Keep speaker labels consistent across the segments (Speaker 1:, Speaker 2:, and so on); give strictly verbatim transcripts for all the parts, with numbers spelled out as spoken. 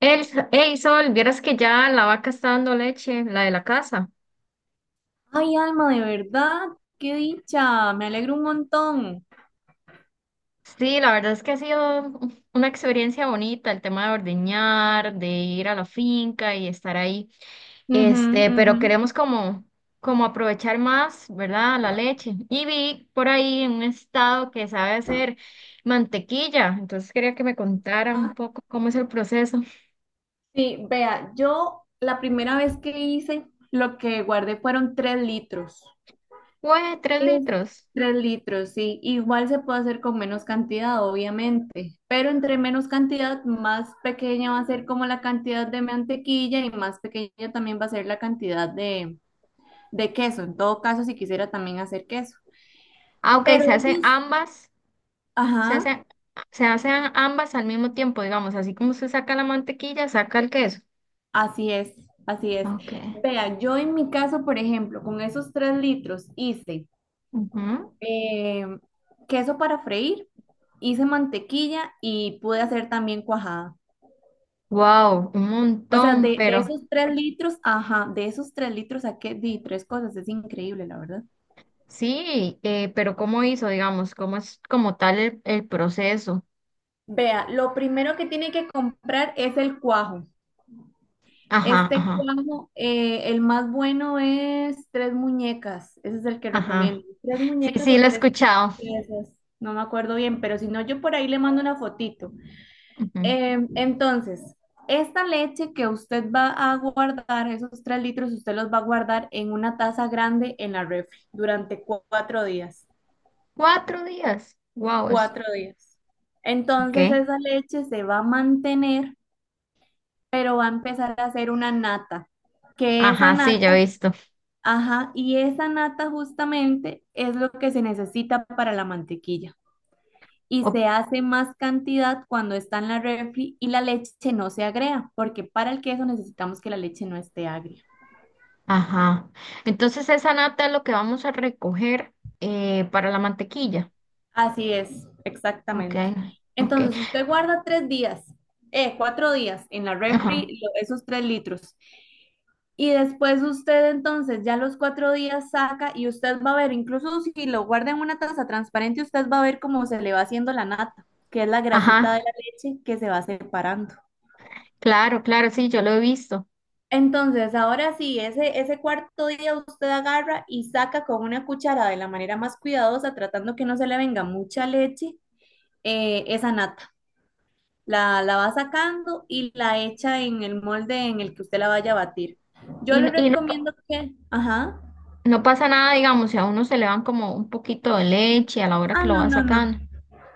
Speaker 1: El, hey Sol, vieras que ya la vaca está dando leche, la de la casa.
Speaker 2: Ay, Alma, de verdad, qué dicha, me alegro un montón.
Speaker 1: Sí, la verdad es que ha sido una experiencia bonita el tema de ordeñar, de ir a la finca y estar ahí.
Speaker 2: Ujú,
Speaker 1: Este, pero
Speaker 2: ujú.
Speaker 1: queremos como, como aprovechar más, ¿verdad? La leche. Y vi por ahí en un estado que sabe hacer mantequilla, entonces quería que me contara un
Speaker 2: Ajá.
Speaker 1: poco cómo es el proceso.
Speaker 2: Sí, vea, yo la primera vez que hice, lo que guardé fueron tres litros.
Speaker 1: Pues, tres
Speaker 2: Es-
Speaker 1: litros.
Speaker 2: Tres litros, sí. Igual se puede hacer con menos cantidad, obviamente, pero entre menos cantidad, más pequeña va a ser como la cantidad de mantequilla y más pequeña también va a ser la cantidad de, de queso. En todo caso, si quisiera también hacer queso.
Speaker 1: Ah, ok,
Speaker 2: Pero
Speaker 1: se hace
Speaker 2: ellos,
Speaker 1: ambas. Se
Speaker 2: ajá.
Speaker 1: hacen, se hacen ambas al mismo tiempo, digamos, así como usted saca la mantequilla, saca el queso.
Speaker 2: Así es, así es.
Speaker 1: Ok.
Speaker 2: Vea, yo en mi caso, por ejemplo, con esos tres litros hice eh, queso para freír, hice mantequilla y pude hacer también cuajada.
Speaker 1: Wow, un
Speaker 2: O sea,
Speaker 1: montón,
Speaker 2: de, de
Speaker 1: pero
Speaker 2: esos tres litros, ajá, de esos tres litros saqué di tres cosas, es increíble, la verdad.
Speaker 1: sí, eh, pero ¿cómo hizo, digamos? ¿Cómo es como tal el, el proceso?
Speaker 2: Vea, lo primero que tiene que comprar es el cuajo.
Speaker 1: Ajá,
Speaker 2: Este
Speaker 1: ajá,
Speaker 2: cuadro eh, el más bueno es Tres Muñecas, ese es el que recomiendo.
Speaker 1: ajá.
Speaker 2: Tres
Speaker 1: Sí,
Speaker 2: Muñecas
Speaker 1: sí,
Speaker 2: o
Speaker 1: lo he
Speaker 2: tres
Speaker 1: escuchado.
Speaker 2: piezas, no me acuerdo bien, pero si no, yo por ahí le mando una fotito.
Speaker 1: Ujú.
Speaker 2: Eh, entonces, esta leche que usted va a guardar, esos tres litros, usted los va a guardar en una taza grande en la refri durante cu- cuatro días.
Speaker 1: Cuatro días. Wow, es,
Speaker 2: Cuatro días. Entonces,
Speaker 1: ok.
Speaker 2: esa leche se va a mantener, pero va a empezar a hacer una nata, que esa
Speaker 1: Ajá, sí, ya
Speaker 2: nata.
Speaker 1: he visto.
Speaker 2: Ajá, y esa nata justamente es lo que se necesita para la mantequilla. Y
Speaker 1: Ok,
Speaker 2: se hace más cantidad cuando está en la refri y la leche no se agrega, porque para el queso necesitamos que la leche no esté agria.
Speaker 1: ajá. Entonces esa nata es lo que vamos a recoger eh, para la mantequilla.
Speaker 2: Así es,
Speaker 1: Ok,
Speaker 2: exactamente.
Speaker 1: ok.
Speaker 2: Entonces usted guarda tres días, eh, cuatro días en la
Speaker 1: Ajá,
Speaker 2: refri lo- esos tres litros. Y después usted entonces ya los cuatro días saca y usted va a ver, incluso si lo guarda en una taza transparente, usted va a ver cómo se le va haciendo la nata, que es la grasita de
Speaker 1: ajá,
Speaker 2: la leche que se va separando.
Speaker 1: claro, claro, sí, yo lo he visto.
Speaker 2: Entonces, ahora sí, ese, ese cuarto día usted agarra y saca con una cuchara de la manera más cuidadosa, tratando que no se le venga mucha leche, eh, esa nata. La, la va sacando y la echa en el molde en el que usted la vaya a batir. Yo
Speaker 1: Y,
Speaker 2: le
Speaker 1: no- y no, pa-
Speaker 2: recomiendo que, ajá,
Speaker 1: no pasa nada, digamos, si a uno se le van como un poquito de leche a la hora que
Speaker 2: ah,
Speaker 1: lo
Speaker 2: no,
Speaker 1: va
Speaker 2: no, no.
Speaker 1: sacando.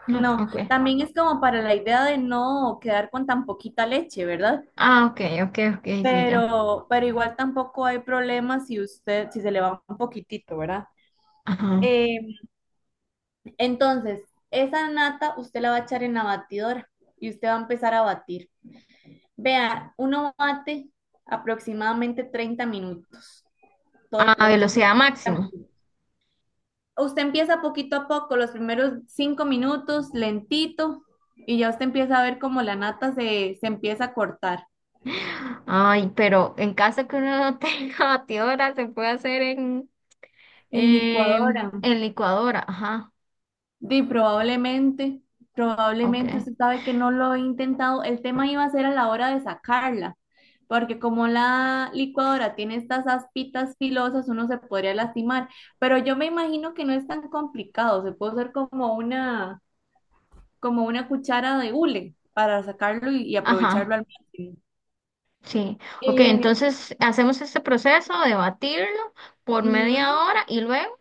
Speaker 1: No,
Speaker 2: No,
Speaker 1: ok.
Speaker 2: también es como para la idea de no quedar con tan poquita leche, ¿verdad?
Speaker 1: Ah, ok, ok, ok, sí, ya.
Speaker 2: Pero, pero igual tampoco hay problema si usted, si se le va un poquitito, ¿verdad?
Speaker 1: Ajá.
Speaker 2: Eh, entonces, esa nata usted la va a echar en la batidora y usted va a empezar a batir. Vea, uno bate aproximadamente treinta minutos, todo el
Speaker 1: A
Speaker 2: proceso son
Speaker 1: velocidad
Speaker 2: treinta
Speaker 1: máxima.
Speaker 2: minutos. Usted empieza poquito a poco, los primeros cinco minutos, lentito, y ya usted empieza a ver cómo la nata se, se empieza a cortar.
Speaker 1: Ay, pero en caso que uno no tenga batidora, se puede hacer en,
Speaker 2: En
Speaker 1: en,
Speaker 2: licuadora.
Speaker 1: en licuadora. Ajá,
Speaker 2: Di, probablemente, probablemente
Speaker 1: ok.
Speaker 2: usted sabe que no lo he intentado. El tema iba a ser a la hora de sacarla, porque como la licuadora tiene estas aspitas filosas, uno se podría lastimar. Pero yo me imagino que no es tan complicado. Se puede usar como una, como una cuchara de hule para sacarlo y, y aprovecharlo
Speaker 1: Ajá,
Speaker 2: al máximo.
Speaker 1: sí. Ok,
Speaker 2: Eh,
Speaker 1: entonces hacemos este proceso de batirlo por media
Speaker 2: ujú.
Speaker 1: hora y luego.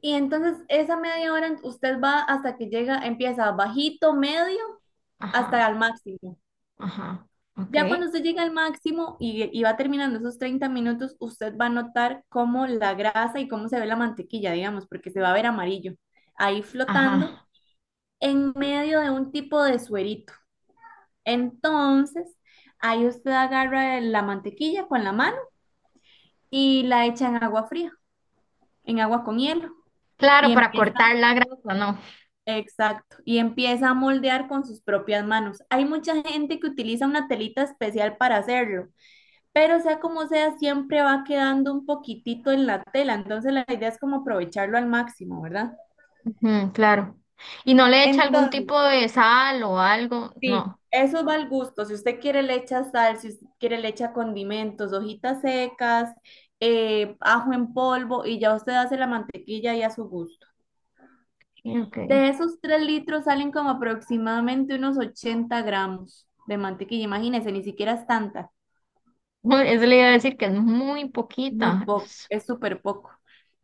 Speaker 2: Y entonces esa media hora usted va hasta que llega, empieza bajito, medio, hasta
Speaker 1: Ajá.
Speaker 2: al máximo.
Speaker 1: Ajá, ok.
Speaker 2: Ya cuando usted llega al máximo y, y va terminando esos treinta minutos, usted va a notar cómo la grasa y cómo se ve la mantequilla, digamos, porque se va a ver amarillo, ahí flotando
Speaker 1: Ajá.
Speaker 2: en medio de un tipo de suerito. Entonces, ahí usted agarra la mantequilla con la mano y la echa en agua fría, en agua con hielo. Y
Speaker 1: Claro, para
Speaker 2: empieza,
Speaker 1: cortar la grasa, no.
Speaker 2: exacto, y empieza a moldear con sus propias manos. Hay mucha gente que utiliza una telita especial para hacerlo, pero sea como sea, siempre va quedando un poquitito en la tela, entonces la idea es como aprovecharlo al máximo, ¿verdad?
Speaker 1: Ujú, claro. Y no le echa algún
Speaker 2: Entonces,
Speaker 1: tipo de sal o algo,
Speaker 2: sí,
Speaker 1: no.
Speaker 2: eso va al gusto, si usted quiere le echa sal, si usted quiere le echa condimentos, hojitas secas, eh, ajo en polvo y ya usted hace la mantequilla y a su gusto.
Speaker 1: Sí, ok.
Speaker 2: De esos tres litros salen como aproximadamente unos ochenta gramos de mantequilla, imagínese, ni siquiera es tanta.
Speaker 1: Bueno, eso le iba a decir que es muy
Speaker 2: Muy
Speaker 1: poquita.
Speaker 2: poco,
Speaker 1: Es-
Speaker 2: es súper poco.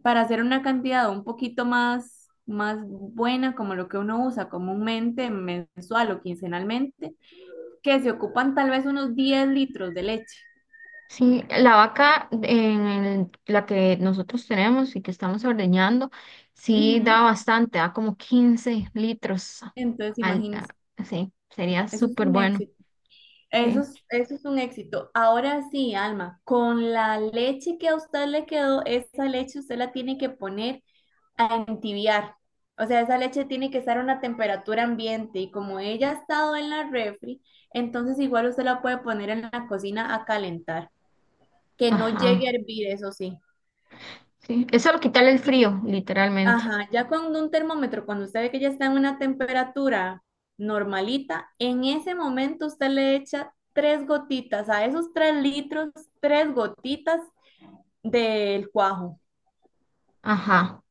Speaker 2: Para hacer una cantidad un poquito más, más buena, como lo que uno usa comúnmente, mensual o quincenalmente, que se ocupan tal vez unos diez litros de leche.
Speaker 1: Sí, la vaca en el- la que nosotros tenemos y que estamos ordeñando, sí
Speaker 2: Ujú.
Speaker 1: da bastante, da como quince litros.
Speaker 2: Entonces,
Speaker 1: Al, a-
Speaker 2: imagínense,
Speaker 1: sí, sería
Speaker 2: eso es
Speaker 1: súper
Speaker 2: un
Speaker 1: bueno.
Speaker 2: éxito. Eso
Speaker 1: Sí,
Speaker 2: es, eso es un éxito. Ahora sí, Alma, con la leche que a usted le quedó, esa leche usted la tiene que poner a entibiar. O sea, esa leche tiene que estar a una temperatura ambiente y como ella ha estado en la refri, entonces igual usted la puede poner en la cocina a calentar, que no llegue a
Speaker 1: ajá.
Speaker 2: hervir, eso sí.
Speaker 1: Sí. Eso lo quita el
Speaker 2: Y,
Speaker 1: frío, literalmente.
Speaker 2: ajá, ya con un termómetro, cuando usted ve que ya está en una temperatura normalita, en ese momento usted le echa tres gotitas, a esos tres litros, tres gotitas del cuajo.
Speaker 1: Ajá.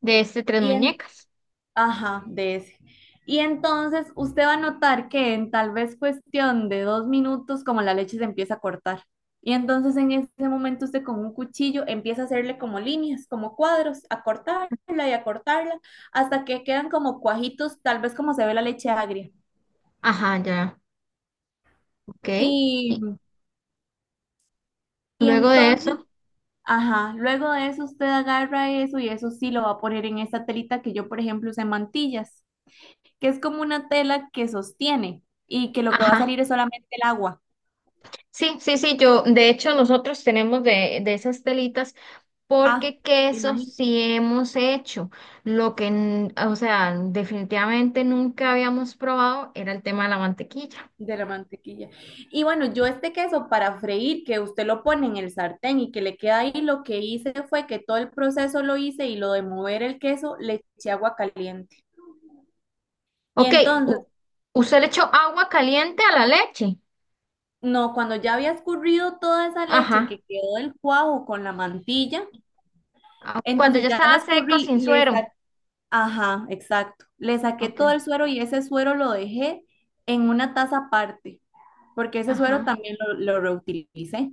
Speaker 1: De este tres
Speaker 2: Y en.
Speaker 1: muñecas.
Speaker 2: Ajá, de ese. Y entonces usted va a notar que en tal vez cuestión de dos minutos, como la leche se empieza a cortar. Y entonces en ese momento usted con un cuchillo empieza a hacerle como líneas, como cuadros, a cortarla y a cortarla, hasta que quedan como cuajitos, tal vez como se ve la leche agria.
Speaker 1: Ajá, ya, ok.
Speaker 2: Y,
Speaker 1: Y
Speaker 2: y
Speaker 1: luego de
Speaker 2: entonces,
Speaker 1: eso,
Speaker 2: ajá, luego de eso usted agarra eso y eso sí lo va a poner en esta telita que yo, por ejemplo, usé en mantillas, que es como una tela que sostiene y que lo que va a
Speaker 1: ajá.
Speaker 2: salir es solamente el agua.
Speaker 1: Sí, sí, sí, yo, de hecho, nosotros tenemos de, de esas telitas
Speaker 2: Ah,
Speaker 1: porque queso
Speaker 2: imagínate,
Speaker 1: sí hemos hecho. Lo que, n- o sea, Definitivamente nunca habíamos probado era el tema de la mantequilla.
Speaker 2: de la mantequilla. Y bueno, yo este queso para freír, que usted lo pone en el sartén y que le queda ahí, lo que hice fue que todo el proceso lo hice y lo de mover el queso le eché agua caliente. Y
Speaker 1: Ok,
Speaker 2: entonces,
Speaker 1: u- usted le echó agua caliente a la leche.
Speaker 2: no, cuando ya había escurrido toda esa leche
Speaker 1: Ajá.
Speaker 2: que quedó del cuajo con la mantilla,
Speaker 1: Ah, ok, cuando
Speaker 2: entonces
Speaker 1: ya
Speaker 2: ya la
Speaker 1: estaba seco,
Speaker 2: escurrí,
Speaker 1: sin
Speaker 2: le
Speaker 1: suero.
Speaker 2: sa- ajá, exacto, le saqué
Speaker 1: Ok,
Speaker 2: todo el suero y ese suero lo dejé en una taza aparte, porque ese suero
Speaker 1: ajá.
Speaker 2: también lo, lo reutilicé.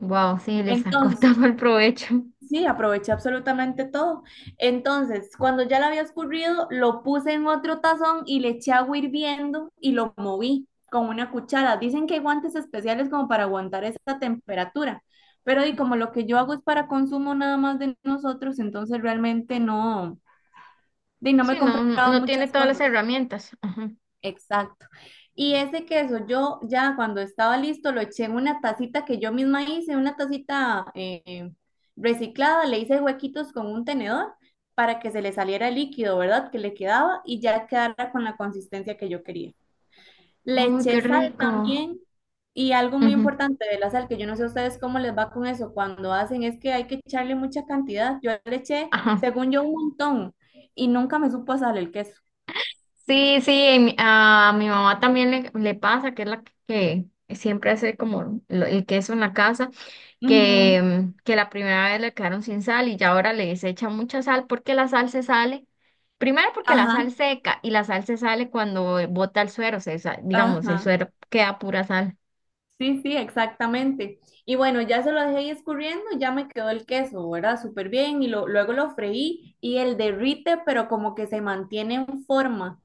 Speaker 1: Wow, sí, le sacó
Speaker 2: Entonces,
Speaker 1: todo el provecho.
Speaker 2: sí, aproveché absolutamente todo. Entonces, cuando ya lo había escurrido, lo puse en otro tazón y le eché agua hirviendo y lo moví con una cuchara. Dicen que hay guantes especiales como para aguantar esa temperatura, pero y como lo que yo hago es para consumo nada más de nosotros, entonces realmente no, de, no me
Speaker 1: Sí,
Speaker 2: he
Speaker 1: no, no,
Speaker 2: comprado
Speaker 1: no tiene
Speaker 2: muchas
Speaker 1: todas las
Speaker 2: cosas.
Speaker 1: herramientas. Ajá.
Speaker 2: Exacto. Y ese queso, yo ya cuando estaba listo, lo eché en una tacita que yo misma hice, una tacita eh, reciclada, le hice huequitos con un tenedor para que se le saliera el líquido, ¿verdad? Que le quedaba y ya quedara con la consistencia que yo quería. Le
Speaker 1: Ay,
Speaker 2: eché
Speaker 1: qué
Speaker 2: sal
Speaker 1: rico.
Speaker 2: también y algo muy
Speaker 1: Ujú.
Speaker 2: importante de la sal, que yo no sé a ustedes cómo les va con eso cuando hacen, es que hay que echarle mucha cantidad. Yo le eché,
Speaker 1: Ajá.
Speaker 2: según yo, un montón y nunca me supo a sal el queso.
Speaker 1: Sí, sí, y mi- a mi mamá también le, le pasa, que es la que, siempre hace como lo- el queso en la casa, que,
Speaker 2: Ujú.
Speaker 1: mm, que la primera vez le quedaron sin sal y ya ahora les echa mucha sal porque la sal se sale. Primero porque la sal
Speaker 2: Ajá,
Speaker 1: seca y la sal se sale cuando bota el suero, se sa- digamos, el
Speaker 2: ajá.
Speaker 1: suero queda pura sal.
Speaker 2: Sí, sí, exactamente. Y bueno, ya se lo dejé ahí escurriendo, ya me quedó el queso, ¿verdad? Súper bien. Y lo- luego lo freí y el derrite, pero como que se mantiene en forma.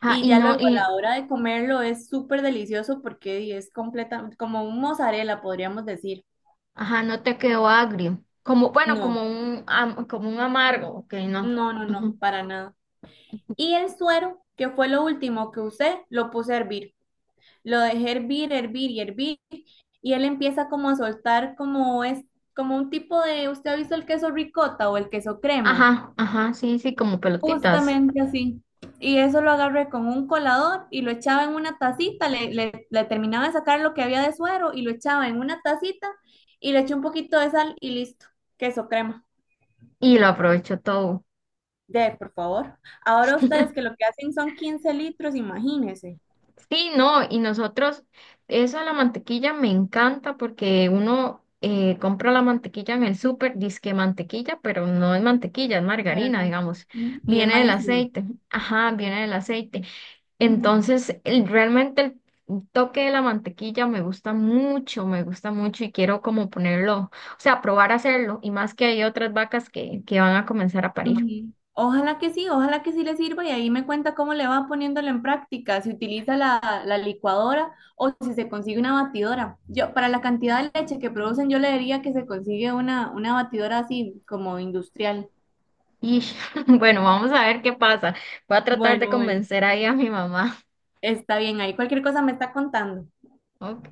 Speaker 1: Ajá,
Speaker 2: Y
Speaker 1: y
Speaker 2: ya
Speaker 1: no,
Speaker 2: luego a
Speaker 1: y
Speaker 2: la hora de comerlo es súper delicioso porque di, es completamente como un mozzarella, podríamos decir.
Speaker 1: ajá, no te quedó agrio. Como, bueno, como
Speaker 2: No,
Speaker 1: un, am- como un amargo, ok, no.
Speaker 2: no, no, no,
Speaker 1: Ujú.
Speaker 2: para nada. Y el suero, que fue lo último que usé, lo puse a hervir. Lo dejé hervir, hervir y hervir. Y él empieza como a soltar como es como un tipo de, ¿usted ha visto el queso ricota o el queso crema?
Speaker 1: Ajá, ajá, sí, sí, como pelotitas.
Speaker 2: Justamente así. Y eso lo agarré con un colador y lo echaba en una tacita, le, le- le terminaba de sacar lo que había de suero y lo echaba en una tacita y le eché un poquito de sal y listo, queso crema.
Speaker 1: Y lo aprovecho todo.
Speaker 2: De, por favor. Ahora ustedes que lo que hacen son quince litros, imagínense.
Speaker 1: Sí, no, y nosotros, eso de la mantequilla me encanta porque uno eh, compra la mantequilla en el súper, disque mantequilla, pero no es mantequilla, es
Speaker 2: Pero
Speaker 1: margarina,
Speaker 2: no.
Speaker 1: digamos.
Speaker 2: Sí, y es
Speaker 1: Viene del
Speaker 2: malísimo.
Speaker 1: aceite, ajá, viene del aceite. Entonces, el- realmente el toque de la mantequilla me gusta mucho, me gusta mucho y quiero como ponerlo, o sea, probar a hacerlo y más que hay otras vacas que, que van a comenzar a parir.
Speaker 2: Ujú. Ojalá que sí, ojalá que sí le sirva y ahí me cuenta cómo le va poniéndolo en práctica, si utiliza la, la licuadora o si se consigue una batidora. Yo, para la cantidad de leche que producen, yo le diría que se consigue una, una batidora así como industrial.
Speaker 1: Y bueno, vamos a ver qué pasa. Voy a tratar de
Speaker 2: Bueno, bueno,
Speaker 1: convencer ahí a mi mamá.
Speaker 2: está bien, ahí cualquier cosa me está contando.
Speaker 1: Ok.